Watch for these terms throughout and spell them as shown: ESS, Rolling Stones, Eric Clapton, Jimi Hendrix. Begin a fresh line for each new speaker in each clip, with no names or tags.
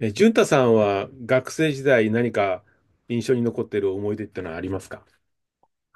淳太さんは学生時代何か印象に残っている思い出ってのはありますか？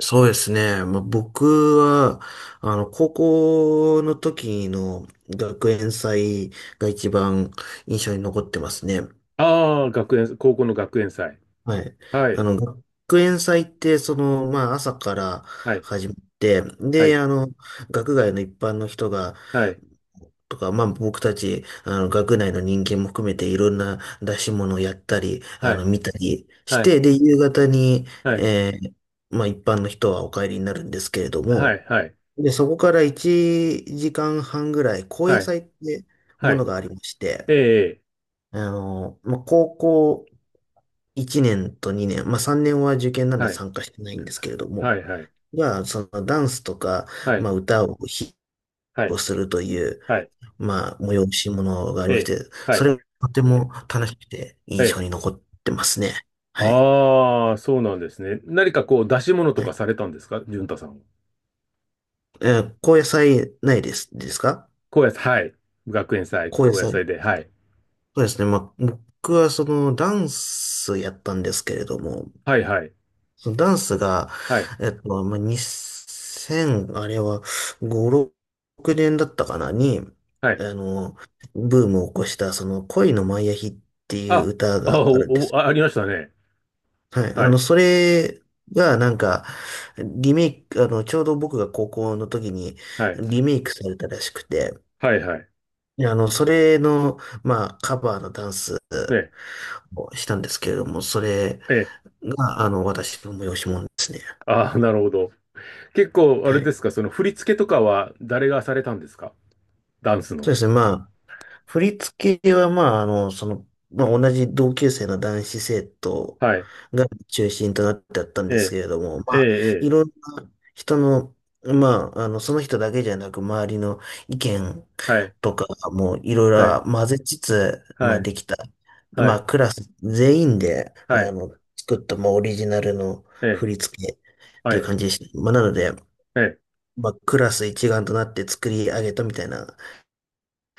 そうですね。まあ、僕は、高校の時の学園祭が一番印象に残ってますね。
ああー、高校の学園祭。
はい。
はい、
学園祭って、まあ、朝から
はい、
始まって、
は
で、
い、
学外の一般の人が、
はい、
とか、まあ、僕たち、学内の人間も含めていろんな出し物をやったり、
はい、
見たりし
はい、
て、で、夕方に、
はい、
えーまあ、一般の人はお帰りになるんですけれど
は
も、
い、はい、
で、そこから1時間半ぐらい、高野
はい、
祭っても
は
の
い、
がありまして、
ええ、
まあ、高校1年と2年、まあ、3年は受験なので
はい、
参加してないんですけれども、
はい、はい、
が、そのダンスとか、
は
ま
い、
あ、歌を披
はい、
露するという、
はい、
まあ、催し物があり
え
まし
え、
て、
は
そ
い、
れがとても楽しくて
え
印象
え。
に残ってますね。はい。
ああ、そうなんですね。何かこう出し物と
は
か
い、
されたんですか、淳太さんは？
高野祭ないです、ですか？
高野菜、はい。学園祭、
高野
高野祭
祭。
で、はい、
そうですね。まあ、僕はそのダンスやったんですけれども、
はい、はい、
そのダンスが、
はい、
まあ、2000、あれは5、6年だったかなに、
はい、
あの、ブームを起こしたその恋のマイアヒっていう
あ、
歌
あ、
があるんで
お、
す。
ありましたね。
はい。
はい。
それがなんか、リメイク、ちょうど僕が高校の時に
はい。
リメイクされたらしくて、
はい、はい。
いや、それの、まあ、カバーのダンス
ね。
をしたんですけれども、それ
ええ。
が、私の催し物ですね。
ああ、なるほど。結構、あ
は
れで
い。
すか、その振り付けとかは誰がされたんですか、ダンス
そ
の。
うですね。まあ、振り付けは、まあ、まあ、同じ同級生の男子生徒
はい。
が中心となってあったん
え
ですけ
え、
れども、ま
ええ、
あ、い
ええ。
ろんな人の、まあ、その人だけじゃなく、周りの意見
はい。
とか、もういろい
はい。
ろ混ぜつつ、ま
は
あ
い。
できた。で
は
まあ
い。
クラス全員で、
はい。
作った、もうオリジナルの
ええ、
振り付けって
は
いう
い。
感じでした。まあなので、
ええ。
まあクラス一丸となって作り上げたみたいな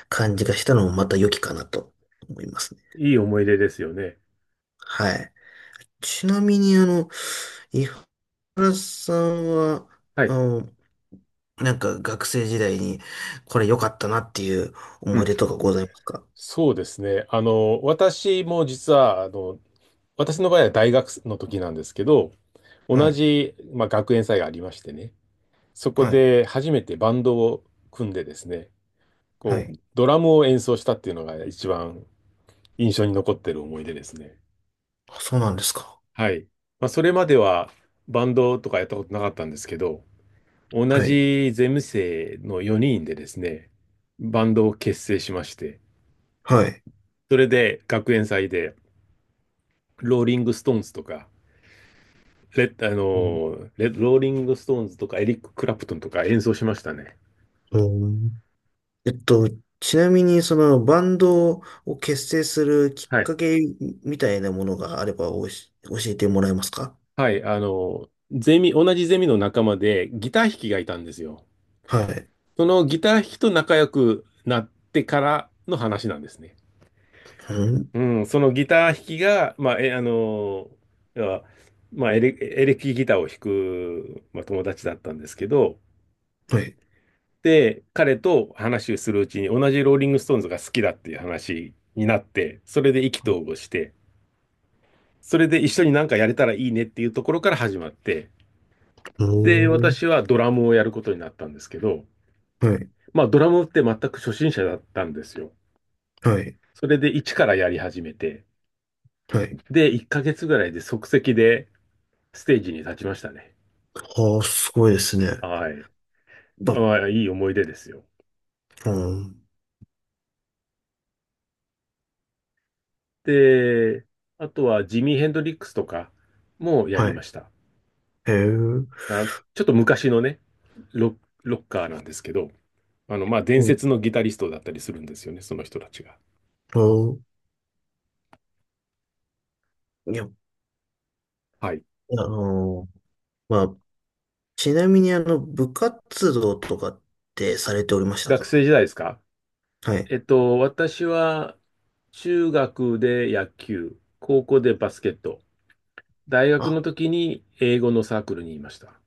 感じがしたのもまた良きかなと思いますね。
いい思い出ですよね。
はい。ちなみに井原さんは、
は
あ
い。
の、なんか学生時代にこれ良かったなっていう
う
思い
ん。
出とかございますか？
そうですね。あの、私も実は、あの、私の場合は大学の時なんですけど、
は
同
い、
じ、まあ、学園祭がありましてね。そこ
はい、
で初めてバンドを組んでですね、
は
こう、
い。
ドラムを演奏したっていうのが一番印象に残ってる思い出ですね。
あ、そうなんですか。
はい。まあ、それまではバンドとかやったことなかったんですけど、同
はい。
じゼム生の4人でですね、バンドを結成しまして、
はい。
それで学園祭で、ローリング・ストーンズとか、
うん。
レッローリング・ストーンズとか、エリック・クラプトンとか演奏しましたね。
えっと、ちなみに、バンドを結成するき
は
っ
い。
かけみたいなものがあれば教えてもらえますか？
はい、あの、同じゼミの仲間でギター弾きがいたんですよ。
はい。
そのギター弾きと仲良くなってからの話なんですね。
うん。
うん、そのギター弾きが、まあ、あの、要はまあ、エレキギターを弾く、まあ、友達だったんですけど、
はい。
で、彼と話をするうちに同じローリングストーンズが好きだっていう話になって、それで意気投合して、それで一緒になんかやれたらいいねっていうところから始まって、
う
で、
ん。
私はドラムをやることになったんですけど、
はい。
まあ、ドラムって全く初心者だったんですよ。
はい。
それで一からやり始めて、
はい。
で、1ヶ月ぐらいで即席でステージに立ちましたね。
はあ、すごいですね。
はい。
ば、
まあ、いい思い出ですよ。
うん。
で、あとはジミー・ヘンドリックスとかもや
は
りま
い。
した。
へえ。うん
あ、ちょっと昔のね、ロ、ロッカーなんですけど、あの、まあ、伝
う
説のギタリストだったりするんですよね、その人たちが。
ん。いや、
はい。
あの、まあ、ちなみに、部活動とかってされておりました
学
か？
生時代ですか？
はい。
私は中学で野球、高校でバスケット、大学
あ、
の時に英語のサークルにいました。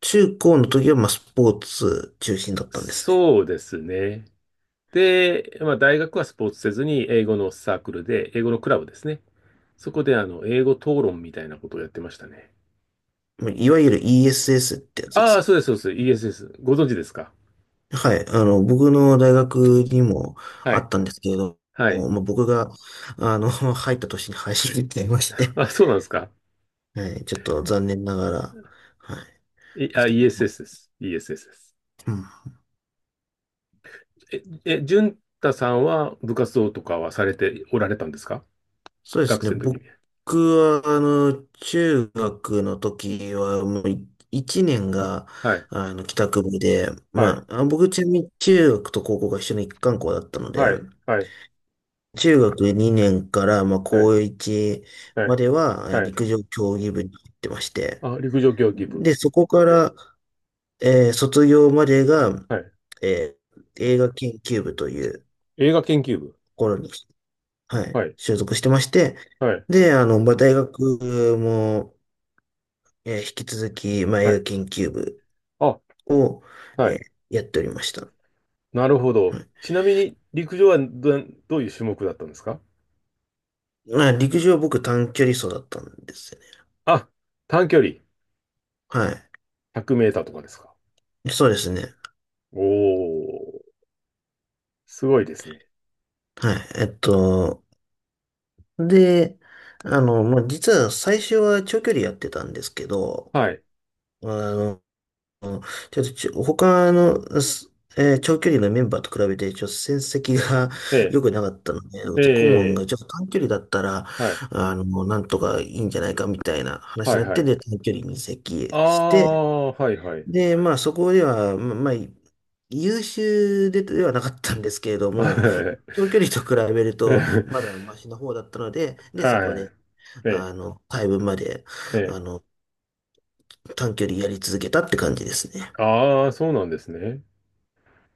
中高の時は、まあ、スポーツ中心だったんですね。
そうですね。で、まあ、大学はスポーツせずに英語のサークルで、英語のクラブですね。そこであの英語討論みたいなことをやってましたね。
いわゆる ESS ってやつで
ああ、
す。
そうです、そうです。ESS。ご存知ですか？
はい。僕の大学にも
は
あっ
い。
たんですけれど
はい。
も、まあ、僕が、入った年に廃止になっちゃいまして、
あ、そうなんですか。
はい。ちょっと残念ながら、はい。でしたね。も
ESS です。ESS です。
ううん。
淳太さんは部活動とかはされておられたんですか、
そうです
学
ね。
生の時
僕
に？
は、中学の時は、もうい、1年が、
はい。
帰宅部で、
はい。
まあ、あ、僕ちなみに中学と高校が一緒の一貫校だったので、
はい。はい。
中学2年から、まあ、
はい。
高1
は
ま
い。
では、
はい。
陸上競技部に行ってまして。
あ、陸上競技部。
で、そこから、卒業までが、
はい。
えー映画研究部というと
映画研究部。
ころに、はい、
はい。
所属してまして。
はい。
で、まあ、大学も、引き続き、まあ、
は
映画
い。
研究部
あ、
を、
は
え
い。
ーやっておりました。
なるほど。
はい。
ちなみに、陸上はど、ういう種目だったんですか？
まあ、陸上僕短距離走だったんですよね。
あ、短距離。
はい。
100メーターとかですか？
そうですね。
おー、すごいですね。
はい。で、まあ、実は最初は長距離やってたんですけど、
はい。
あの、ちょっと他の、長距離のメンバーと比べて、ちょっと戦績が
え え、
良くなかったので、
え
顧問
え、
がちょっと短距離だったら、
はい。
なんとかいいんじゃないかみたいな話
は
に
い、
なっ
は
て、
い。
で、短距離に移
あ
籍して、
あ、はい、はい。
で、まあ、そこでは、まあ、優秀で、ではなかったんですけれども、
は
長距離と比べると、
い。
まだマシな方だったので、で、そこで、
ええ、
回分まで、
え
あ
え。
の、短距離やり続けたって感じですね。
ああ、そうなんですね。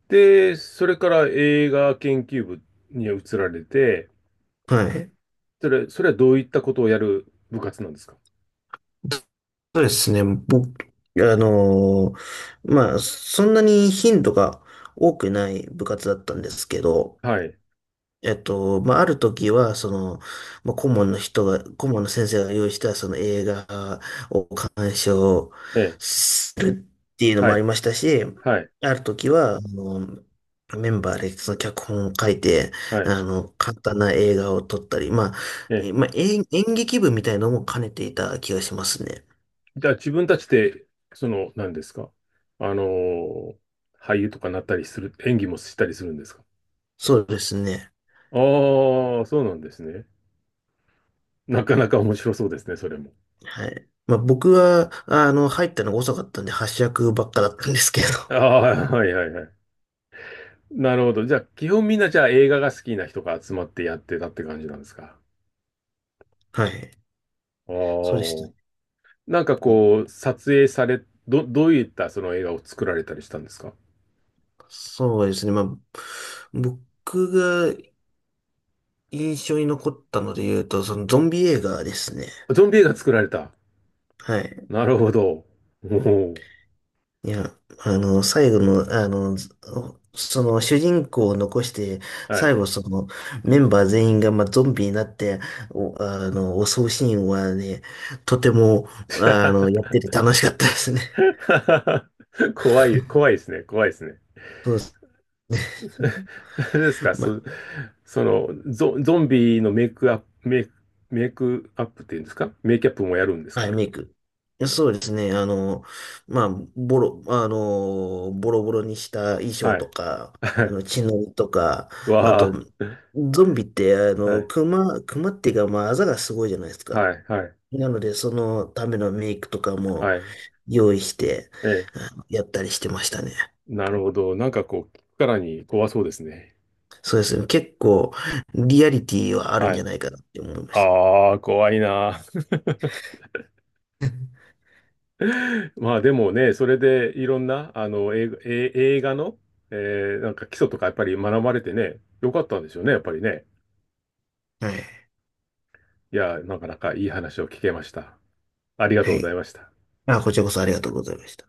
で、それから映画研究部に移られて、
はい。
それはどういったことをやる部活なんですか？
そうですね。僕、あのまあ、そんなに頻度が多くない部活だったんですけど、
はい。
まあ、ある時は、まあ、顧問の先生が用意したその映画を鑑賞
ええ。
するっていうの
は
もあり
い。
ましたし、
はい。
ある時は、メンバーでその脚本を書いて、
はい。
簡単な映画を撮ったり、まあ、
ええ。
まあ、演劇部みたいのも兼ねていた気がしますね。
じゃあ自分たちで、その、何ですか？あのー俳優とかなったりする、演技もしたりするんですか？
そうですね。
ああー、そうなんですね。なかなか面白そうですね、それも。
はい。まあ、僕は、入ったのが遅かったんで、発射ばっかだったんですけど、
ああ、はいはいはい。なるほど。じゃあ、基本みんなじゃあ映画が好きな人が集まってやってたって感じなんですか。
はい。
あ
そうでした
あ。
ね。
なんかこう、撮影され、ど、どういったその映画を作られたりしたんですか？
そうですね。まあ、僕が印象に残ったので言うと、そのゾンビ映画ですね。
ゾンビ映画作られた。
はい。
なるほど。おお。
いや、最後の、ずその主人公を残して、
は
最
い。
後そのメンバー全員が、まあ、ゾンビになって、襲うシーンはね、とても、やってて楽しかったですね。
怖い、怖いですね。怖いですね。
そうですね。
それですか、
ま
その、ゾンビのメイクアップ、メイクアップっていうんですか？メイキャップもやるんです
はい、
か？
メイク。そうですね。まあ、ボロボロにした衣装
はい。
とか、
は
血のりとか、
い。
あと、
わ
ゾンビって、
あ。はい。
熊っていうか、まあ、あざがすごいじゃないですか。
はい。はい。
なので、そのためのメイクとかも
はい。
用意して、
ええ。
やったりしてましたね。
なるほど。なんかこう、聞くからに怖そうですね。
そうですね。結構、リアリティはあるん
は
じゃ
い。
ないかなって思いまし
ああ、怖いな。まあでもね、それでいろんな、あの、映画の、えなんか基礎とかやっぱり学ばれてね、よかったんでしょうね、やっぱりね。
た。はい。
いや、なかなかいい話を聞けました。ありが
は
とうござい
い。
ました。
あ、こちらこそありがとうございました。